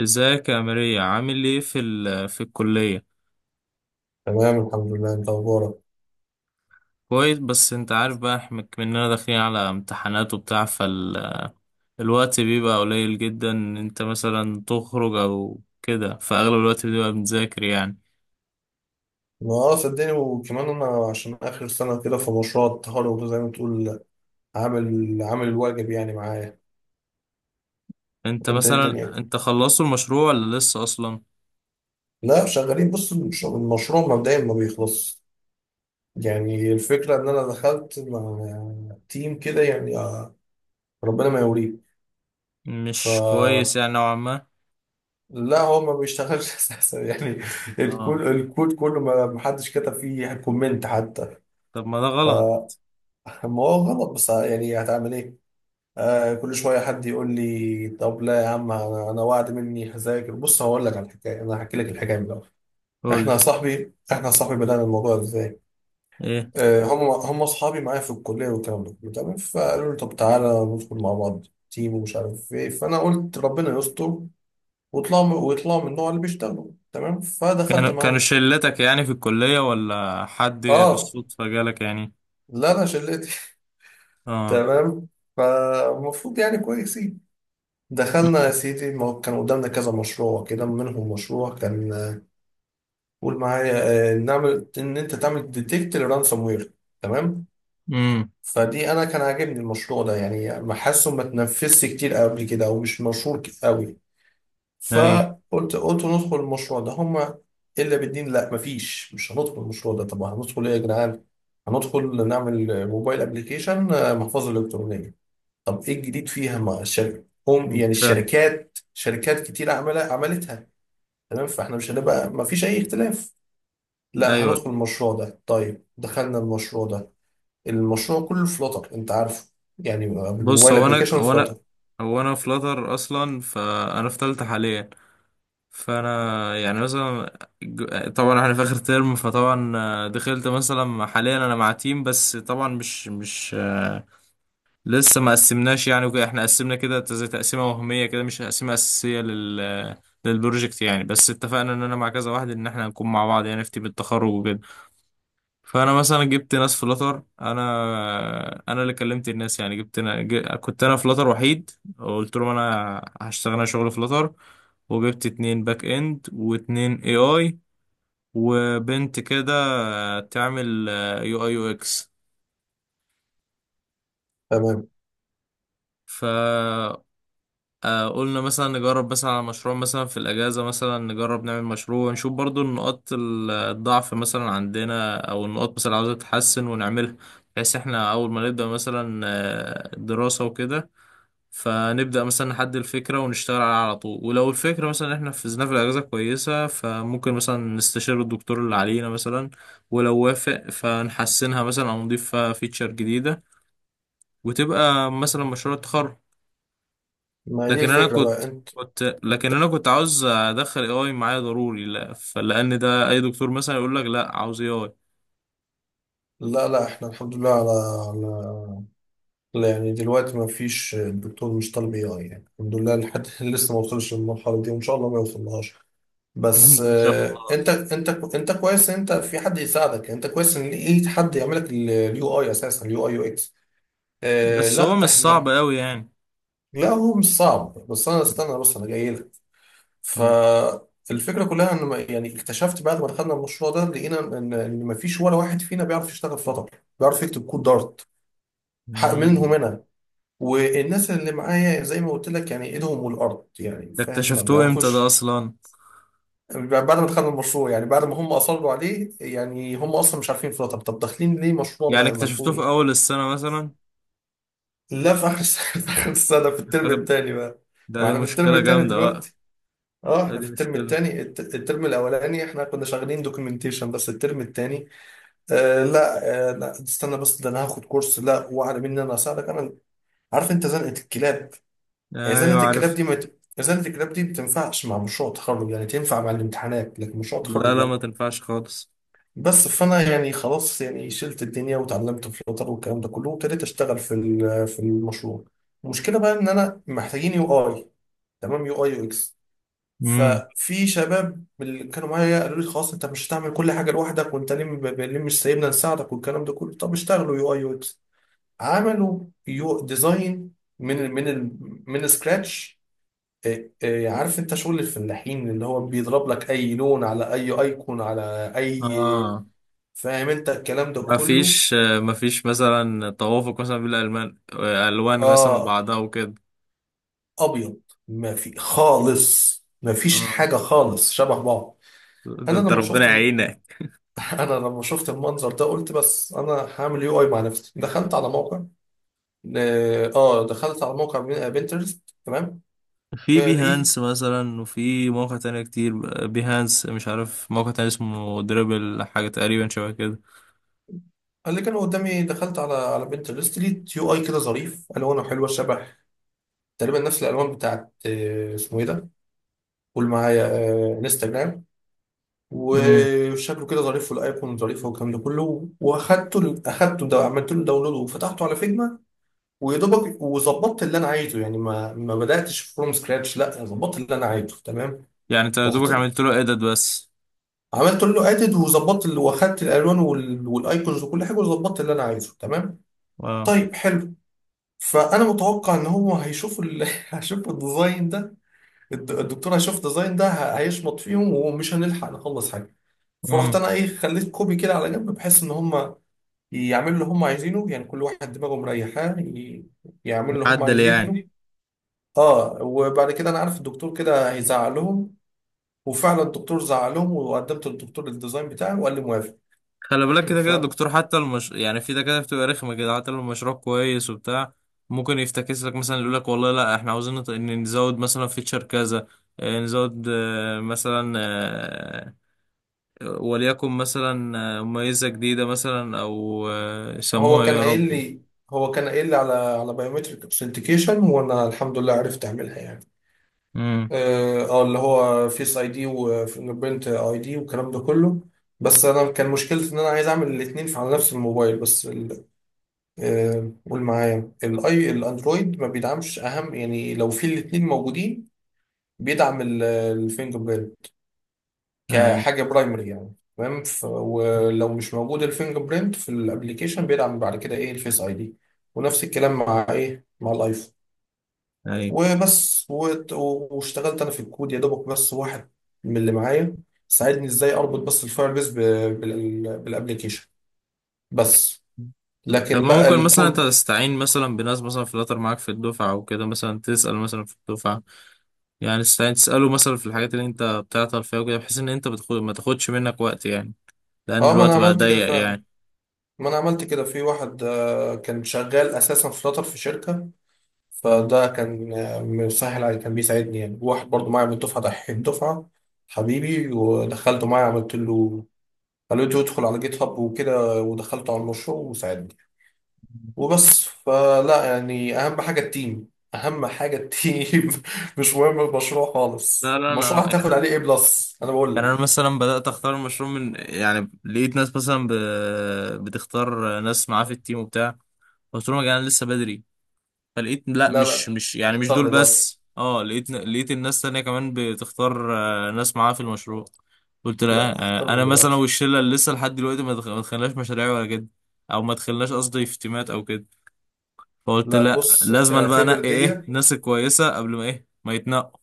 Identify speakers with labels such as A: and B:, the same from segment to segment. A: ازيك يا ماريا؟ عامل ايه في الكلية؟
B: تمام، الحمد لله. انت اخبارك؟
A: كويس، بس انت عارف بقى احنا مننا داخلين على امتحانات وبتاع، فالوقت بيبقى قليل جدا ان انت مثلا تخرج او كده، فاغلب الوقت بيبقى بنذاكر يعني.
B: ما صدقني، وكمان انا عشان اخر سنه كده في مشروع التخرج وزي ما تقول عامل الواجب يعني معايا.
A: انت
B: انت ايه الدنيا؟
A: مثلا انت خلصت المشروع ولا لسه اصلا؟
B: لا، شغالين. بص، المشروع مبدئيا ما بيخلص. يعني الفكره ان انا دخلت مع تيم كده يعني، ربنا ما يوريه. ف
A: مش كويس يعني نوعا ما.
B: لا هو ما بيشتغلش اساسا يعني.
A: اه،
B: الكود كله ما حدش كتب فيه كومنت حتى.
A: طب ما ده غلط.
B: فما هو غلط، بس يعني هتعمل ايه؟ كل شويه حد يقول لي طب لا يا عم، انا وعد مني هذاكر. بص، هقول لك على الحكايه، انا هحكي لك الحكايه من الاول.
A: قولي
B: احنا يا صاحبي بدانا الموضوع ازاي؟
A: ايه.
B: هم اصحابي معايا في الكليه والكلام ده كله، تمام، فقالوا لي طب تعالى ندخل مع بعض تيم ومش عارف ايه، فانا قلت ربنا يستر ويطلعوا من النوع اللي بيشتغلوا، تمام.
A: كانوا
B: فدخلت
A: كانوا
B: معاهم التيم.
A: شلتك يعني في الكلية ولا حد
B: اه،
A: بالصدفة جالك يعني؟
B: لا، انا شلتي.
A: اه.
B: تمام. فالمفروض يعني كويسين. دخلنا يا
A: امم
B: سيدي، ما هو كان قدامنا كذا مشروع كده، منهم مشروع كان قول معايا نعمل ان انت تعمل ديتكت للرانسوم وير، تمام.
A: امم
B: فدي انا كان عاجبني المشروع ده، يعني ما حاسه ما اتنفذش كتير قبل كده او مش مشهور قوي.
A: ايوه
B: فقلت ندخل المشروع ده، هما الا بالدين. لا مفيش، مش هندخل المشروع ده. طب هندخل ايه يا جدعان؟ هندخل نعمل موبايل ابلكيشن، محفظه الكترونيه. طب ايه الجديد فيها مع الشركه؟ هم يعني شركات كتير عملتها، تمام. فاحنا مش هنبقى، مفيش اي اختلاف. لا،
A: ايوه.
B: هندخل المشروع ده. طيب، دخلنا المشروع ده. المشروع كله فلوتر، انت عارفه، يعني
A: بص،
B: الموبايل
A: هو انا
B: ابلكيشن
A: هو انا
B: فلوتر.
A: هو انا فلاتر اصلا، فانا في تالتة حاليا. فانا يعني مثلا طبعا احنا في اخر ترم، فطبعا دخلت مثلا حاليا انا مع تيم، بس طبعا مش لسه ما قسمناش يعني وكده، احنا قسمنا كده زي تقسيمه وهميه كده، مش تقسيمه اساسيه للبروجكت يعني، بس اتفقنا ان انا مع كذا واحد ان احنا هنكون مع بعض يعني في تيم التخرج وكده. فانا مثلا جبت ناس في فلاتر، انا اللي كلمت الناس يعني. كنت انا في فلاتر وحيد، وقلت لهم انا شغل فلاتر، وجبت اتنين باك اند واتنين اي اي، وبنت كده تعمل يو اي يو اكس.
B: تمام.
A: قلنا مثلا نجرب مثلا على مشروع مثلا في الأجازة، مثلا نجرب نعمل مشروع نشوف برضو النقاط الضعف مثلا عندنا أو النقاط مثلا عاوزة تتحسن ونعملها، بحيث احنا أول ما نبدأ مثلا الدراسة وكده، فنبدأ مثلا نحدد الفكرة ونشتغل عليها على طول. ولو الفكرة مثلا احنا نفذناها في الأجازة كويسة، فممكن مثلا نستشير الدكتور اللي علينا مثلا، ولو وافق فنحسنها مثلا أو نضيف فيها فيتشر جديدة وتبقى مثلا مشروع التخرج.
B: ما هي
A: لكن انا
B: الفكرة
A: كنت،
B: بقى؟ انت
A: كنت
B: انت
A: لكن انا كنت عاوز ادخل اي اي معايا ضروري، لا فلان ده اي دكتور مثلا يقول لك لا عاوز اي اي.
B: لا، لا، احنا الحمد لله على لا يعني دلوقتي ما فيش، الدكتور مش طالب اي اي يعني، الحمد لله لحد لسه ما وصلش للمرحلة دي، وان شاء الله ما يوصلهاش. بس
A: ان شاء الله.
B: انت انت كويس ان انت في حد يساعدك، انت كويس ان لقيت حد يعمل لك اليو اي، اساسا اليو اي يو اكس.
A: بس هو
B: لا
A: مش صعب
B: احنا.
A: قوي يعني.
B: لا، هو مش صعب، بس انا استنى، بس انا جاي لك. فالفكره كلها ان يعني اكتشفت بعد ما دخلنا المشروع ده لقينا ان ما فيش ولا واحد فينا بيعرف يشتغل فلاتر، بيعرف يكتب كود دارت. حق منهم
A: مم.
B: انا، والناس اللي معايا زي ما قلت لك يعني ايدهم والارض يعني،
A: ده
B: فاهم، ما
A: اكتشفتوه امتى ده
B: بيعرفوش.
A: اصلا؟
B: بعد ما دخلنا المشروع، يعني بعد ما هم اصروا عليه، يعني هم اصلا مش عارفين فلاتر. طب داخلين ليه مشروع
A: يعني
B: ما
A: اكتشفتوه
B: فوق
A: في
B: إيه؟
A: اول السنة مثلا؟
B: لا، في اخر السنه، في اخر السنه، في الترم
A: أغل-
B: الثاني بقى.
A: ده
B: ما
A: دي
B: احنا في الترم
A: مشكلة
B: الثاني
A: جامدة بقى.
B: دلوقتي. اه،
A: ده
B: احنا
A: دي
B: في الترم
A: مشكلة.
B: الثاني. الترم الاولاني احنا كنا شغالين دوكيومنتيشن بس، الترم الثاني آه لا، آه لا، استنى بس. ده انا هاخد كورس، لا، واعلى مني انا اساعدك. انا عارف، انت زنقه الكلاب. هي
A: ايوه،
B: زنقه الكلاب
A: عارف.
B: دي ما ت- زنقه الكلاب دي ما تنفعش مع مشروع تخرج، يعني تنفع مع الامتحانات لكن مشروع
A: لا
B: تخرج
A: لا، ما
B: لا.
A: تنفعش خالص.
B: بس فانا يعني خلاص، يعني شلت الدنيا وتعلمت فلوتر والكلام ده كله، وابتديت اشتغل في المشروع. المشكله بقى ان انا محتاجين يو اي، تمام، يو اي يو اكس.
A: امم.
B: ففي شباب من اللي كانوا معايا قالوا لي خلاص انت مش هتعمل كل حاجه لوحدك، وانت ليه ليه مش سايبنا نساعدك، والكلام ده كله. طب اشتغلوا يو اي يو اكس، عملوا يو ديزاين من ال من ال من سكراتش. عارف انت شغل الفلاحين، اللي هو بيضرب لك اي لون على اي ايكون على اي.
A: اه.
B: فاهم انت الكلام ده
A: ما
B: كله.
A: فيش ما فيش مثلا توافق مثلا بين الالوان، الوان مثلا
B: اه،
A: وبعضها وكده.
B: ابيض. ما في خالص، ما فيش
A: اه،
B: حاجه خالص شبه بعض.
A: ده
B: انا
A: انت
B: لما
A: ربنا
B: شفت
A: يعينك.
B: انا لما شفت المنظر ده قلت بس انا هعمل يو اي مع نفسي. دخلت على موقع، دخلت على موقع بنترست، تمام.
A: في
B: لقيت
A: بيهانس مثلا، وفي موقع تاني كتير. بيهانس، مش عارف موقع تاني اسمه دريبل حاجة تقريبا شبه كده.
B: اللي كان قدامي، دخلت على بنترست، لقيت يو اي كده ظريف، الوانه حلوه شبه تقريبا نفس الالوان بتاعت اسمه ايه ده؟ قول معايا. انستجرام.
A: امم.
B: وشكله كده ظريف والايقون ظريفه والكلام ده كله، اخدته ده، عملت له داونلود وفتحته على فيجما ويا دوبك، وظبطت اللي انا عايزه يعني، ما بداتش فروم سكراتش، لا ظبطت اللي انا عايزه، تمام.
A: يعني انت يا
B: رحت
A: دوبك عملت له ايدit بس؟
B: عملت له ادد وظبطت واخدت الالوان والايكونز وكل حاجه، وظبطت اللي انا عايزه، تمام،
A: اه.
B: طيب، حلو. فانا متوقع ان هو هيشوف هيشوف الديزاين ده. الدكتور هيشوف الديزاين ده هيشمط فيهم ومش هنلحق نخلص حاجه. فرحت
A: امم.
B: انا ايه، خليت كوبي كده على جنب بحيث ان هم يعملوا اللي هم عايزينه، يعني كل واحد دماغه مريحاه يعملوا اللي هم
A: عدل يعني.
B: عايزينه. اه، وبعد كده انا عارف الدكتور كده هيزعق لهم. وفعلا الدكتور زعق لهم، وقدمت للدكتور الديزاين بتاعي وقال لي موافق.
A: خلي بالك كده كده الدكتور حتى يعني في دكاترة بتبقى رخمة كده حتى لو المشروع كويس وبتاع. ممكن يفتكس لك مثلا، يقول لك والله لا احنا عاوزين إن نزود مثلا فيتشر كذا، نزود مثلا، وليكن مثلا ميزة جديدة مثلا، أو
B: هو
A: يسموها إيه
B: كان
A: يا
B: قايل
A: رب.
B: لي هو كان قايل لي على بايومتريك اوثنتيكيشن، وانا الحمد لله عرفت اعملها يعني.
A: امم.
B: اه، اللي هو فيس اي دي وفينجربرنت اي دي والكلام ده كله. بس انا كان مشكلتي ان انا عايز اعمل الاثنين على نفس الموبايل، بس قول معايا. الاندرويد ما بيدعمش، اهم يعني لو في الاثنين موجودين بيدعم الفينجر
A: أي،
B: كحاجة برايمري يعني، تمام. ولو مش موجود الفينجر برينت في الابليكيشن بيدعم بعد كده ايه الفيس اي دي. ونفس الكلام مع مع الايفون.
A: أي.
B: وبس واشتغلت انا في الكود يا دوبك. بس واحد من اللي معايا ساعدني ازاي اربط بس الفاير بيس بالابليكيشن بس،
A: طب
B: لكن
A: ما
B: بقى
A: ممكن مثلا أنت
B: الكود.
A: تستعين مثلا بناس مثلا فلاتر معاك في الدفعة أو كده، مثلا تسأل مثلا في الدفعة، يعني تستعين تسأله مثلا في الحاجات اللي أنت بتعطل فيها وكده، بحيث إن ما تاخدش منك وقت يعني، لأن
B: اه، ما انا
A: الوقت بقى
B: عملت كده
A: ضيق
B: فعلا.
A: يعني.
B: ما انا عملت كده، في واحد كان شغال اساسا فلاتر في شركة،
A: مم.
B: فده كان مسهل علي، كان بيساعدني يعني، واحد برضه معايا من الدفعة، دحيح الدفعة، حبيبي، ودخلته معايا، عملت له، خليته يدخل على جيت هاب وكده، ودخلته على المشروع وساعدني. وبس، فلا يعني أهم حاجة التيم، أهم حاجة التيم. مش مهم المشروع
A: لا
B: خالص،
A: لا،
B: المشروع
A: انا
B: هتاخد
A: يعني،
B: عليه ايه بلس أنا بقول
A: يعني انا
B: لك.
A: مثلا بدات اختار المشروع من، يعني لقيت ناس مثلا بتختار ناس معاه في التيم وبتاع. قلت لهم يا جدعان لسه بدري، فلقيت لا،
B: لا،
A: مش
B: لا،
A: مش يعني مش
B: اختار
A: دول
B: دلوقتي.
A: بس، اه، لقيت الناس تانية كمان بتختار ناس معاها في المشروع. قلت
B: لا،
A: لا،
B: اختار
A: انا
B: من
A: مثلا
B: دلوقتي.
A: والشله اللي لسه لحد دلوقتي ما دخلناش مشاريع ولا كده، او ما دخلناش قصدي في تيمات او كده، فقلت
B: لا،
A: لا،
B: بص
A: لازم أنا بقى
B: اعتبر
A: انقي ايه
B: دي.
A: الناس الكويسه قبل ما ايه ما يتنقوا.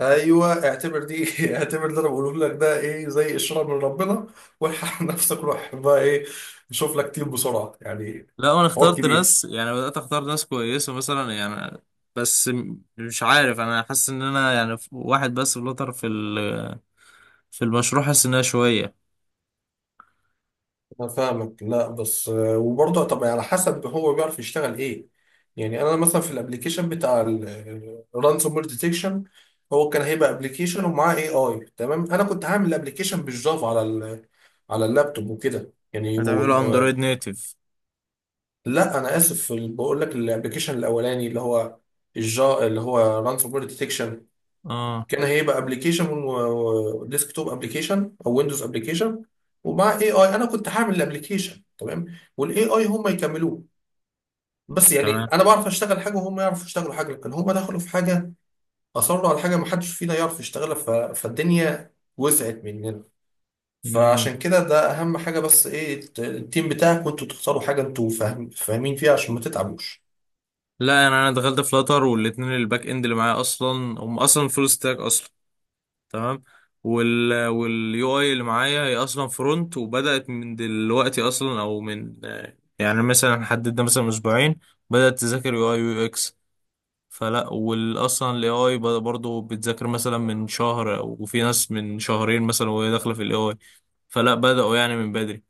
B: ايوه، اعتبر دي. اعتبر اللي انا بقوله لك ده ايه زي اشاره من ربنا. والحق نفسك، روح بقى ايه، شوف لك تيم بسرعه يعني.
A: لا، انا
B: حوار
A: اخترت
B: كبير.
A: ناس يعني، بدات اختار ناس كويسه مثلا يعني، بس مش عارف، انا حاسس ان انا يعني واحد بس فلتر في في المشروع، حاسس انها شويه.
B: انا فاهمك، لا بس وبرضه، طب على حسب هو بيعرف يشتغل ايه. يعني انا مثلا في الابليكيشن بتاع الرانسوم وير ديتكشن، هو كان هيبقى ابلكيشن ومعاه اي اي، تمام. انا كنت هعمل الابلكيشن بالجافا على اللابتوب وكده يعني.
A: هتعمله اندرويد نيتف؟
B: لا انا اسف، بقول لك الابلكيشن الاولاني اللي هو اللي هو رانسوم وير ديتكشن،
A: اه.
B: كان هيبقى ابلكيشن وديسكتوب ابلكيشن او ويندوز ابلكيشن، ومع اي اي. انا كنت هعمل الابلكيشن، تمام، والاي اي هم يكملوه. بس يعني
A: تمام.
B: انا بعرف اشتغل حاجه وهم يعرفوا يشتغلوا حاجه، لكن هم دخلوا في حاجه، اصروا على حاجه ما حدش فينا يعرف يشتغلها فالدنيا وسعت مننا.
A: مم.
B: فعشان كده ده اهم حاجه، بس ايه التيم بتاعك وانتوا تختاروا حاجه انتوا فاهمين فيها عشان ما تتعبوش.
A: لا، انا دخلت فلاتر، والاتنين الباك اند اللي معايا اصلا هم اصلا فول ستاك اصلا. تمام. واليو اي اللي معايا هي اصلا فرونت، وبدات من دلوقتي اصلا، او من يعني مثلا حددنا مثلا اسبوعين بدات تذاكر يو اي ويو اكس. فلا، والاصلا الاي اي برضه بتذاكر مثلا من شهر، وفي ناس من شهرين مثلا وهي داخله في الاي اي. فلا، بداوا يعني من بدري،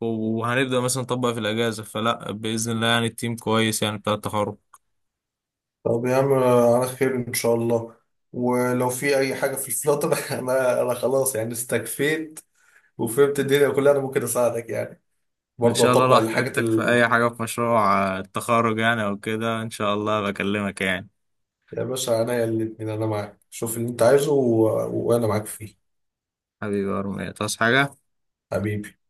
A: وهنبدأ مثلا نطبق في الأجازة، فلا بإذن الله يعني التيم كويس يعني بتاع التخرج.
B: طب يا عم على خير ان شاء الله. ولو في اي حاجه في الفلاتر انا خلاص يعني، استكفيت وفهمت الدنيا كلها، انا ممكن اساعدك يعني،
A: ان
B: برضه
A: شاء الله لو
B: اطبق الحاجات
A: احتجتك في اي حاجه في مشروع التخرج يعني او كده ان شاء الله بكلمك يعني.
B: يا باشا عينيا الاتنين، انا معاك، شوف اللي انت عايزه وانا معاك فيه.
A: حبيبي يا ارميا، تصحى حاجه؟
B: حبيبي.